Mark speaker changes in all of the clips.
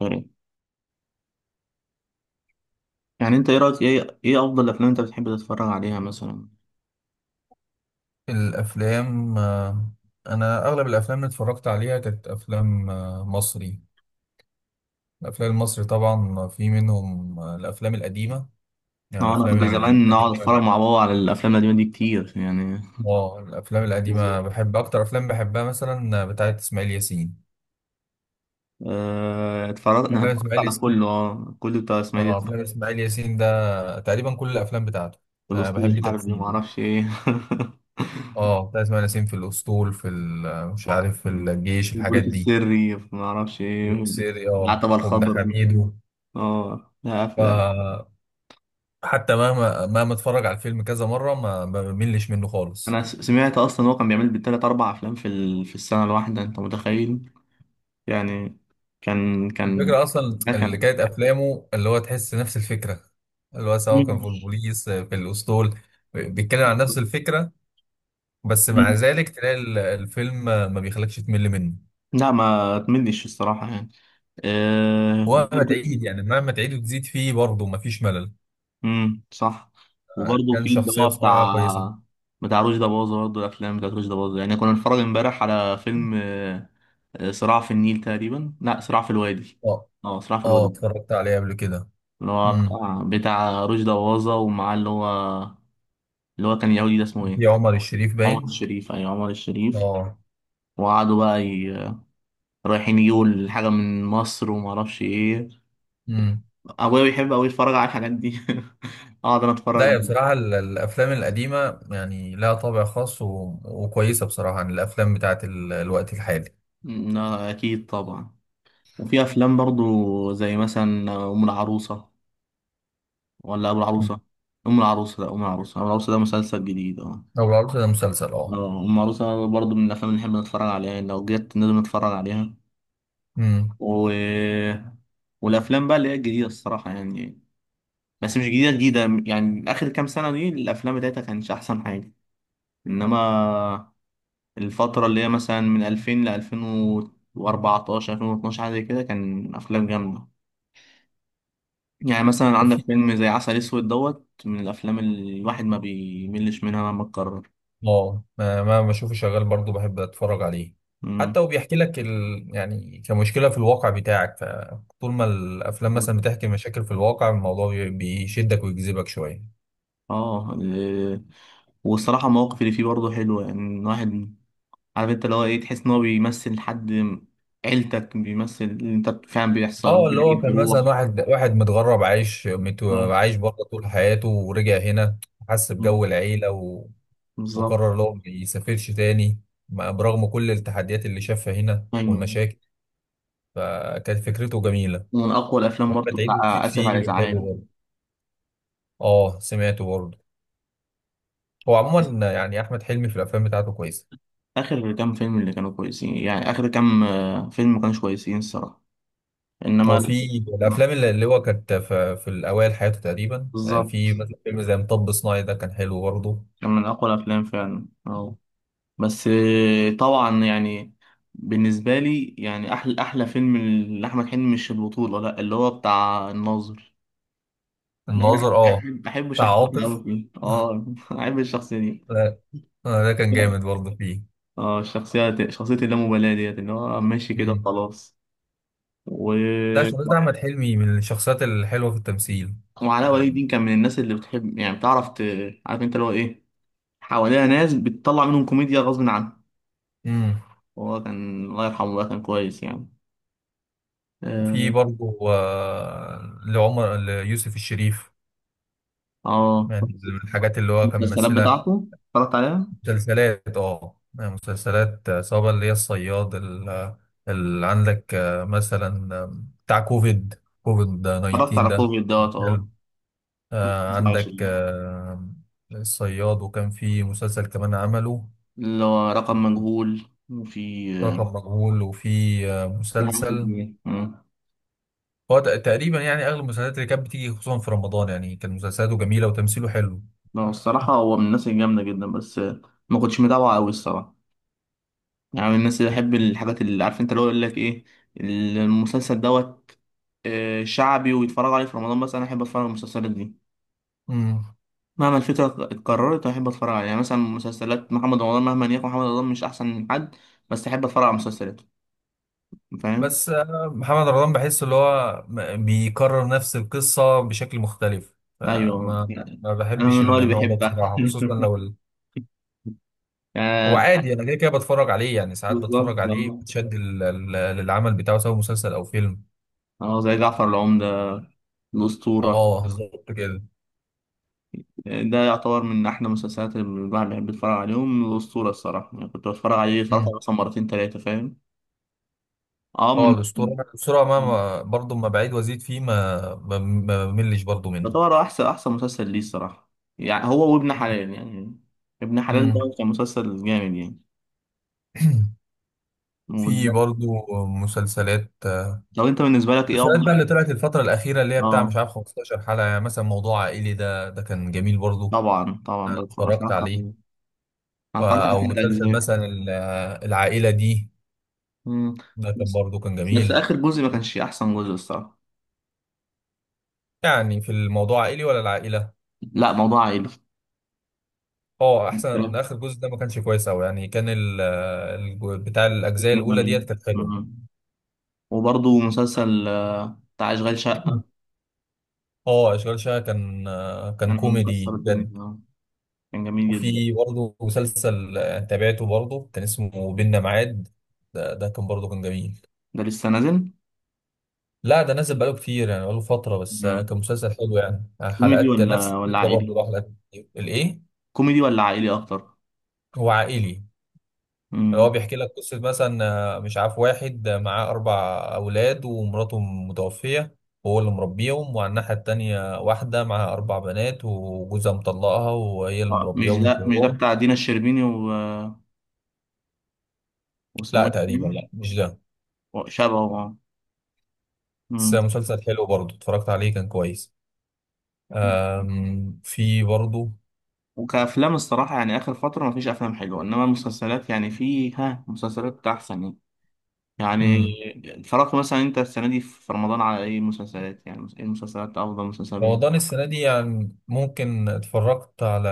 Speaker 1: يعني يعني انت ايه رايك ايه افضل الافلام انت بتحب تتفرج عليها مثلا.
Speaker 2: الأفلام. أنا أغلب الأفلام اللي اتفرجت عليها كانت أفلام مصري. الأفلام المصري طبعا في منهم الأفلام القديمة. يعني
Speaker 1: اه، انا
Speaker 2: الأفلام
Speaker 1: كنت أكتر زمان نقعد
Speaker 2: القديمة
Speaker 1: اتفرج
Speaker 2: بحبها.
Speaker 1: مع بابا على الافلام القديمه دي كتير يعني.
Speaker 2: الأفلام القديمة
Speaker 1: بالظبط.
Speaker 2: بحب أكتر، أفلام بحبها مثلا بتاعت إسماعيل ياسين.
Speaker 1: اه، اتفرجت انا
Speaker 2: أفلام
Speaker 1: اتفرجت
Speaker 2: إسماعيل
Speaker 1: على
Speaker 2: ياسين.
Speaker 1: كله كله بتاع اسماعيل ياسين.
Speaker 2: أفلام إسماعيل ياسين ده تقريبا كل الأفلام بتاعته. أنا
Speaker 1: الاسطول
Speaker 2: بحب
Speaker 1: الحربي ما
Speaker 2: تمثيله.
Speaker 1: اعرفش ايه.
Speaker 2: بتاع إسماعيل ياسين في الأسطول، في مش عارف، في الجيش، الحاجات
Speaker 1: البروت
Speaker 2: دي.
Speaker 1: السري ما اعرفش ايه.
Speaker 2: بوكسيري،
Speaker 1: العتبه
Speaker 2: وابن
Speaker 1: الخضراء.
Speaker 2: حميدو.
Speaker 1: اه، لا افلام.
Speaker 2: ف حتى مهما اتفرج على الفيلم كذا مره، ما بملش منه
Speaker 1: انا
Speaker 2: خالص.
Speaker 1: سمعت اصلا هو كان بيعمل بالتلات اربع افلام في السنه الواحده، انت متخيل؟ يعني كان
Speaker 2: الفكره اصلا
Speaker 1: ده
Speaker 2: اللي
Speaker 1: كان.
Speaker 2: كانت افلامه، اللي هو تحس نفس الفكره، اللي هو سواء كان في البوليس في الاسطول، بيتكلم عن نفس الفكره، بس مع
Speaker 1: مم.
Speaker 2: ذلك تلاقي الفيلم ما بيخليكش تمل منه.
Speaker 1: لا، ما اتمنيش الصراحة يعني. أه
Speaker 2: ومهما
Speaker 1: وبرضه.
Speaker 2: تعيد، يعني مهما تعيد وتزيد فيه برضه، ما فيش ملل.
Speaker 1: صح. وبرضه
Speaker 2: كان
Speaker 1: في اللي
Speaker 2: شخصيه
Speaker 1: هو
Speaker 2: بصراحه
Speaker 1: بتاع
Speaker 2: كويسه.
Speaker 1: بتاع رشدي أباظة، برضه الأفلام بتاعت رشدي أباظة يعني. كنا بنتفرج امبارح على فيلم، صراع في النيل تقريبا، لا صراع في الوادي.
Speaker 2: اه،
Speaker 1: اه صراع في
Speaker 2: اه،
Speaker 1: الوادي.
Speaker 2: اتفرجت عليه قبل كده.
Speaker 1: اللي هو
Speaker 2: امم.
Speaker 1: بتاع رشدي أباظة ومعاه اللي هو اللي هو كان يهودي، ده اسمه ايه؟
Speaker 2: في عمر الشريف
Speaker 1: عمر
Speaker 2: باين.
Speaker 1: الشريف، أيوة عمر الشريف.
Speaker 2: اه.
Speaker 1: وقعدوا بقى رايحين يجيبوا الحاجة من مصر ومعرفش ايه.
Speaker 2: امم.
Speaker 1: ابويا بيحب قوي يتفرج على الحاجات دي. اقعد انا
Speaker 2: لا،
Speaker 1: اتفرج.
Speaker 2: يا بصراحة الأفلام القديمة يعني لها طابع خاص، وكويسة بصراحة عن الأفلام بتاعت الوقت الحالي.
Speaker 1: لا، اكيد طبعا. وفي افلام برضو زي مثلا ام العروسه ولا ابو
Speaker 2: مم.
Speaker 1: العروسه. ام العروسه، لا ام العروسه، ام العروسه ده مسلسل جديد. اه،
Speaker 2: لو العروض ده مسلسل، اه.
Speaker 1: اه ام العروسه برضو من الافلام اللي نحب نتفرج عليها يعني، لو جت لازم نتفرج عليها.
Speaker 2: مم.
Speaker 1: و... والافلام بقى اللي هي الجديده الصراحه يعني، بس مش جديده جديده. يعني اخر كام سنه دي الافلام بتاعتها كانش احسن حاجه. انما الفترة اللي هي مثلا من 2000 ل 2014 2012، حاجة زي كده، كان أفلام جامدة. يعني مثلا
Speaker 2: وفي
Speaker 1: عندك فيلم زي عسل أسود دوت، من الأفلام اللي الواحد ما بيملش منها مهما اتكرر.
Speaker 2: اه ما بشوفه شغال برضو بحب أتفرج عليه.
Speaker 1: مم.
Speaker 2: حتى وبيحكي لك يعني كمشكلة في الواقع بتاعك، فطول ما الأفلام مثلا بتحكي مشاكل في الواقع، الموضوع بيشدك ويجذبك شوية.
Speaker 1: اه. والصراحة المواقف اللي فيه برضه حلوة يعني. الواحد عارف انت اللي هو ايه، تحس ان هو بيمثل حد عيلتك، بيمثل اللي انت فعلا بيحصل
Speaker 2: اه،
Speaker 1: وفي
Speaker 2: اللي هو
Speaker 1: العيد
Speaker 2: كان مثلا
Speaker 1: بيروح.
Speaker 2: واحد متغرب عايش
Speaker 1: آه.
Speaker 2: عايش بره طول حياته ورجع هنا، حس بجو العيلة،
Speaker 1: بالظبط.
Speaker 2: وقرر اللي هو ما يسافرش تاني، برغم كل التحديات اللي شافها هنا
Speaker 1: ايوه.
Speaker 2: والمشاكل، فكانت فكرته جميلة.
Speaker 1: ومن اقوى الافلام
Speaker 2: ممكن
Speaker 1: برضه
Speaker 2: تعيد وتزيد
Speaker 1: بتاع اسف على
Speaker 2: فيه،
Speaker 1: الازعاج.
Speaker 2: حلو برضه. اه، سمعته برضه. هو عموما يعني أحمد حلمي في الأفلام بتاعته كويسة.
Speaker 1: اخر كام فيلم اللي كانوا كويسين يعني، اخر كام فيلم ما كانوش كويسين الصراحه. انما
Speaker 2: هو في
Speaker 1: ال-
Speaker 2: الأفلام اللي هو كانت في الأوائل حياته، تقريبا يعني في
Speaker 1: بالظبط.
Speaker 2: مثلا فيلم زي مطب صناعي ده كان حلو برضه.
Speaker 1: كان من اقوى الافلام فعلا اه. بس طبعا يعني، بالنسبه لي يعني احلى فيلم لاحمد حلمي مش البطوله، لا اللي هو بتاع الناظر. ده انا
Speaker 2: الناظر، اه.
Speaker 1: بحب
Speaker 2: بتاع
Speaker 1: شخصيته قوي
Speaker 2: عاطف.
Speaker 1: فيه اه. بحب الشخصيه دي.
Speaker 2: لا. ده كان جامد برضه فيه.
Speaker 1: اه الشخصيه، اللامبالاه ديت اللي هو ماشي كده
Speaker 2: مم.
Speaker 1: خلاص. و
Speaker 2: لا، شخصية أحمد حلمي من الشخصيات الحلوة في التمثيل.
Speaker 1: وعلاء ولي
Speaker 2: آه.
Speaker 1: الدين كان من الناس اللي بتحب يعني، بتعرف عارف انت اللي هو ايه، حواليها ناس بتطلع منهم كوميديا غصب عنه.
Speaker 2: مم.
Speaker 1: هو كان الله يرحمه بقى كان كويس يعني.
Speaker 2: وفي
Speaker 1: اه.
Speaker 2: برضه لعمر ليوسف الشريف،
Speaker 1: آه.
Speaker 2: يعني من الحاجات اللي هو كان
Speaker 1: المسلسلات
Speaker 2: ممثلها.
Speaker 1: بتاعته اتفرجت عليها.
Speaker 2: مسلسلات، يعني مسلسلات، سواء اللي هي الصياد، اللي عندك، مثلا، بتاع كوفيد
Speaker 1: اتفرجت
Speaker 2: 19
Speaker 1: على
Speaker 2: ده،
Speaker 1: كوفيد دوت، اه
Speaker 2: حلو. عندك،
Speaker 1: 25.
Speaker 2: الصياد، وكان في مسلسل كمان عمله
Speaker 1: اللي هو رقم مجهول، وفي
Speaker 2: رقم مجهول. وفي
Speaker 1: في حاجات
Speaker 2: مسلسل،
Speaker 1: كتير آه.
Speaker 2: هو تقريبا يعني اغلب المسلسلات اللي كانت بتيجي خصوصا في رمضان، يعني كان مسلسلاته جميله وتمثيله حلو.
Speaker 1: لا الصراحة، هو من الناس الجامدة جدا، بس ما كنتش متابعه أوي الصراحة. يعني من الناس اللي بحب الحاجات اللي عارف انت اللي هو يقول لك ايه، المسلسل دوت شعبي ويتفرجوا عليه في رمضان. بس انا احب اتفرج على المسلسلات دي
Speaker 2: امم.
Speaker 1: مهما الفكره اتكررت، احب اتفرج عليها. يعني مثلا مسلسلات محمد رمضان، مهما يكون محمد رمضان مش احسن من حد، بس احب اتفرج على مسلسلاته، فاهم؟
Speaker 2: بس محمد رمضان بحس اللي هو بيكرر نفس القصه بشكل مختلف،
Speaker 1: ايوه
Speaker 2: فما
Speaker 1: يعني،
Speaker 2: ما
Speaker 1: انا من
Speaker 2: بحبش
Speaker 1: النوع اللي
Speaker 2: النوع ده
Speaker 1: بيحبها.
Speaker 2: بصراحه، خصوصا لو هو
Speaker 1: يعني
Speaker 2: عادي، انا كده كده بتفرج عليه، يعني ساعات
Speaker 1: بالظبط
Speaker 2: بتفرج عليه
Speaker 1: آه.
Speaker 2: بتشد للعمل بتاعه سواء مسلسل او فيلم.
Speaker 1: اه زي جعفر العمدة، الأسطورة.
Speaker 2: اه، بالظبط كده.
Speaker 1: ده يعتبر من أحلى المسلسلات اللي الواحد بيحب يتفرج عليهم. الأسطورة الصراحة يعني، كنت بتفرج عليه، اتفرجت عليه
Speaker 2: مم.
Speaker 1: مثلا مرتين تلاتة، فاهم؟ اه من،
Speaker 2: اه، الاسطوره، الاسطوره برضه ما بعيد وازيد فيه، ما بملش برضه منه.
Speaker 1: يعتبر احسن احسن مسلسل ليه الصراحه. يعني هو وابن حلال يعني، ابن حلال ده
Speaker 2: امم
Speaker 1: كان مسلسل جامد يعني.
Speaker 2: في
Speaker 1: وبالذات-
Speaker 2: برضه مسلسلات.
Speaker 1: لو انت بالنسبه لك ايه
Speaker 2: المسلسلات بقى
Speaker 1: افضل؟
Speaker 2: اللي طلعت الفتره الاخيره، اللي هي بتاع
Speaker 1: اه
Speaker 2: مش عارف 15 حلقه، يعني مثلا موضوع عائلي، ده كان جميل برضه،
Speaker 1: طبعا طبعا
Speaker 2: اتفرجت
Speaker 1: اتفرجت
Speaker 2: عليه.
Speaker 1: عليه. انا اتفرجت على
Speaker 2: او
Speaker 1: ثلاث
Speaker 2: مسلسل
Speaker 1: اجزاء.
Speaker 2: مثلا العائله دي،
Speaker 1: مم.
Speaker 2: ده كان
Speaker 1: بس
Speaker 2: برضه كان
Speaker 1: بس
Speaker 2: جميل.
Speaker 1: اخر جزء ما كانش احسن جزء الصراحه.
Speaker 2: يعني في الموضوع عائلي ولا العائله؟
Speaker 1: لا موضوع عائلي.
Speaker 2: اه، احسن.
Speaker 1: كلام
Speaker 2: اخر جزء ده ما كانش كويس قوي، يعني كان بتاع الاجزاء
Speaker 1: كتير
Speaker 2: الاولى
Speaker 1: عليه.
Speaker 2: ديت كانت حلوه.
Speaker 1: مم. وبرضه مسلسل بتاع اشغال شقه،
Speaker 2: اه، اشغال شقه كان كان
Speaker 1: كان
Speaker 2: كوميدي
Speaker 1: مكسر الدنيا
Speaker 2: بجد.
Speaker 1: آه. كان جميل جدا.
Speaker 2: وفي برضه مسلسل تابعته برضه، كان اسمه بينا ميعاد، ده كان برضه كان جميل.
Speaker 1: ده لسه نازل؟
Speaker 2: لا، ده نزل بقاله كتير، يعني بقاله فتره، بس
Speaker 1: مم.
Speaker 2: كان مسلسل حلو، يعني
Speaker 1: كوميدي
Speaker 2: حلقات
Speaker 1: ولا
Speaker 2: نفس
Speaker 1: ولا
Speaker 2: الفكره برضه،
Speaker 1: عائلي،
Speaker 2: له حلقات كتير. الايه.
Speaker 1: كوميدي ولا عائلي اكتر؟
Speaker 2: هو عائلي. هو
Speaker 1: مم.
Speaker 2: بيحكي لك قصه، مثلا مش عارف، واحد معاه اربع اولاد ومراته متوفيه، وهو اللي مربيهم، وعلى الناحيه التانيه واحده معاها اربع بنات وجوزها مطلقها، وهي اللي
Speaker 1: آه، مش
Speaker 2: مربيهم من
Speaker 1: ده مش ده
Speaker 2: صغرهم.
Speaker 1: بتاع دينا الشربيني، واسمه
Speaker 2: لا،
Speaker 1: ايه؟
Speaker 2: تقريبا لا، مش ده.
Speaker 1: شبهه آه.
Speaker 2: بس
Speaker 1: مم.
Speaker 2: مسلسل حلو برضه، اتفرجت عليه، كان كويس. أم. في برضه.
Speaker 1: وكأفلام الصراحة يعني آخر فترة مفيش أفلام حلوة، إنما المسلسلات يعني في ها مسلسلات أحسن. يعني
Speaker 2: امم
Speaker 1: يعني اتفرجت مثلا أنت السنة دي في رمضان على إيه مسلسلات؟ يعني إيه المسلسلات، أفضل مسلسل بالنسبة
Speaker 2: رمضان
Speaker 1: لك؟
Speaker 2: السنة دي يعني ممكن اتفرجت على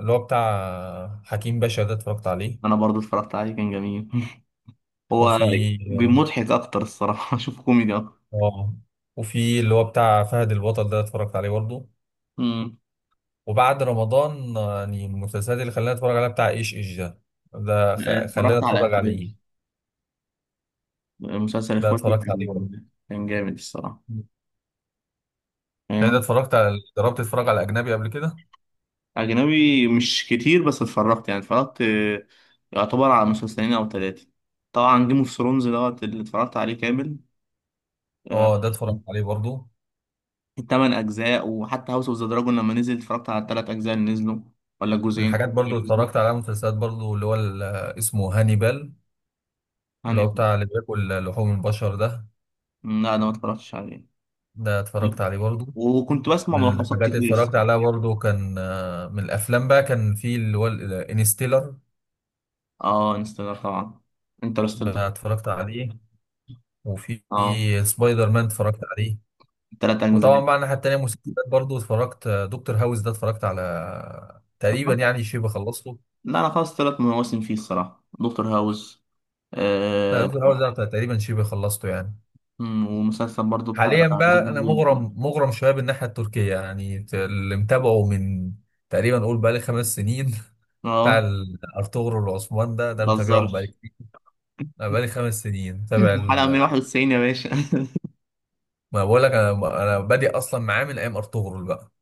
Speaker 2: اللي هو بتاع حكيم باشا ده، اتفرجت عليه.
Speaker 1: أنا برضو اتفرجت عليه، كان جميل.
Speaker 2: وفي
Speaker 1: هو بمضحك أكتر الصراحة. أشوف كوميدي أكتر.
Speaker 2: اه وفي اللي هو بتاع فهد البطل ده اتفرجت عليه برضه.
Speaker 1: مم.
Speaker 2: وبعد رمضان يعني المسلسلات اللي خلاني اتفرج عليها بتاع ايش ايش ده، ده خلاني
Speaker 1: اتفرجت على
Speaker 2: اتفرج
Speaker 1: إخواتي،
Speaker 2: عليه.
Speaker 1: مسلسل
Speaker 2: ده
Speaker 1: إخواتي
Speaker 2: اتفرجت عليه برضه.
Speaker 1: كان جامد الصراحة.
Speaker 2: يعني ده اتفرجت على جربت اتفرج على اجنبي قبل كده.
Speaker 1: أجنبي مش كتير، بس اتفرجت يعني اتفرجت، يعتبر على مسلسلين أو ثلاثة. طبعا جيم اوف ثرونز دوت اللي اتفرجت عليه كامل، آه،
Speaker 2: اه، ده اتفرجت عليه برضو.
Speaker 1: التمن أجزاء. وحتى هاوس اوف ذا دراجون لما نزل اتفرجت على التلات أجزاء اللي نزلوا ولا
Speaker 2: من
Speaker 1: الجزئين
Speaker 2: الحاجات برضو
Speaker 1: اللي
Speaker 2: اللي
Speaker 1: نزلوا
Speaker 2: اتفرجت عليها مسلسلات، برضو اللي هو اسمه هانيبال، اللي
Speaker 1: يعني.
Speaker 2: هو بتاع اللي بياكل لحوم البشر ده.
Speaker 1: لا أنا ما اتفرجتش عليه،
Speaker 2: ده اتفرجت عليه برضو.
Speaker 1: وكنت بسمع
Speaker 2: من
Speaker 1: ملخصات
Speaker 2: الحاجات اللي
Speaker 1: كتير
Speaker 2: اتفرجت
Speaker 1: الصراحة.
Speaker 2: عليها برضو كان من الافلام بقى، كان في اللي هو انستيلر،
Speaker 1: اه انستغرام طبعا، انترستيلر.
Speaker 2: ده اتفرجت عليه. وفي
Speaker 1: اه
Speaker 2: سبايدر مان اتفرجت عليه.
Speaker 1: تلات
Speaker 2: وطبعا
Speaker 1: أجزاء.
Speaker 2: بقى الناحية التانية مسلسلات، برضو اتفرجت دكتور هاوس ده، اتفرجت على تقريبا، يعني شبه خلصته.
Speaker 1: لا أنا خلاص تلات مواسم فيه الصراحة، دكتور هاوس.
Speaker 2: لا، دكتور هاوس ده تقريبا شبه خلصته يعني.
Speaker 1: مم، ومسلسل برضو بتاع
Speaker 2: حاليا
Speaker 1: زي ما
Speaker 2: بقى، انا
Speaker 1: بيقول-
Speaker 2: مغرم مغرم شويه بالناحيه التركيه، يعني اللي متابعه من تقريبا، قول بقالي 5 سنين. بتاع
Speaker 1: اه
Speaker 2: ارطغرل والعثمان، ده
Speaker 1: ما
Speaker 2: ده متابعهم
Speaker 1: تهزرش.
Speaker 2: بقالي كتير. أنا بقالي 5 سنين متابع
Speaker 1: الحلقة 191 يا باشا.
Speaker 2: ما بقول لك، انا بادئ اصلا معاه من ايام ارطغرل بقى.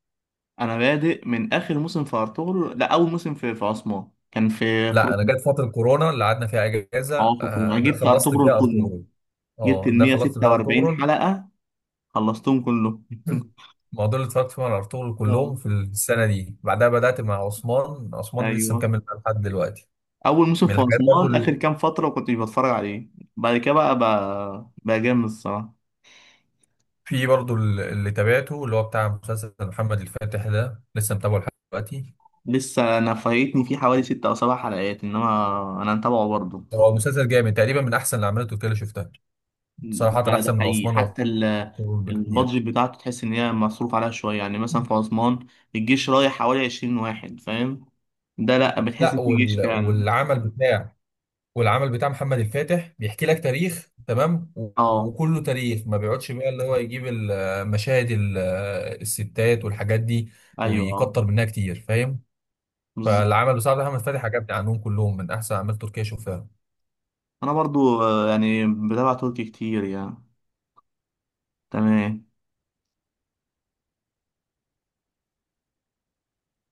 Speaker 1: انا بادئ من اخر موسم في ارطغرل، لا اول موسم في في عثمان كان في
Speaker 2: لا، انا
Speaker 1: قرون.
Speaker 2: جت فتره كورونا اللي قعدنا فيها
Speaker 1: اه
Speaker 2: اجازه،
Speaker 1: في قرون انا
Speaker 2: ده
Speaker 1: جبت
Speaker 2: خلصت فيها
Speaker 1: ارطغرل كله،
Speaker 2: ارطغرل.
Speaker 1: جبت
Speaker 2: اه،
Speaker 1: ال
Speaker 2: ده خلصت فيها
Speaker 1: 146
Speaker 2: ارطغرل.
Speaker 1: حلقة، خلصتهم كله.
Speaker 2: الموضوع، اللي اتفرجت فيه على ارطغرل
Speaker 1: اه.
Speaker 2: كلهم في السنه دي، بعدها بدات مع عثمان. عثمان لسه
Speaker 1: ايوه.
Speaker 2: مكمل معاه لحد دلوقتي.
Speaker 1: اول موسم
Speaker 2: من
Speaker 1: في
Speaker 2: الحاجات برضو،
Speaker 1: عثمان اخر كام فترة كنت بتفرج عليه، بعد كده بقى بقى جامد الصراحة.
Speaker 2: في برضو اللي تابعته اللي هو بتاع مسلسل محمد الفاتح، ده لسه متابعه لحد دلوقتي.
Speaker 1: لسه انا فايتني فيه حوالي ست او سبع حلقات، انما انا متابعه برضه.
Speaker 2: هو مسلسل جامد، تقريبا من احسن الاعمال التركيه اللي شفتها، صراحه
Speaker 1: ده ده
Speaker 2: احسن من
Speaker 1: حقيقي
Speaker 2: عثمان وارطغرل بكتير.
Speaker 1: البادجت بتاعته تحس ان هي مصروف عليها شويه. يعني مثلا في اسوان الجيش رايح حوالي 20 واحد، فاهم؟ ده لا، بتحس
Speaker 2: لا،
Speaker 1: إن في جيش فعلا.
Speaker 2: والعمل بتاع محمد الفاتح بيحكي لك تاريخ تمام،
Speaker 1: اه.
Speaker 2: وكله تاريخ، ما بيقعدش بقى اللي هو يجيب المشاهد الستات والحاجات دي
Speaker 1: ايوه. اه.
Speaker 2: ويكتر منها كتير، فاهم.
Speaker 1: بالظبط.
Speaker 2: فالعمل بصراحه محمد الفاتح عجبني عنهم كلهم، من احسن اعمال تركيه شفتها.
Speaker 1: انا برضو آه، يعني بتابع تركي كتير يعني. تمام.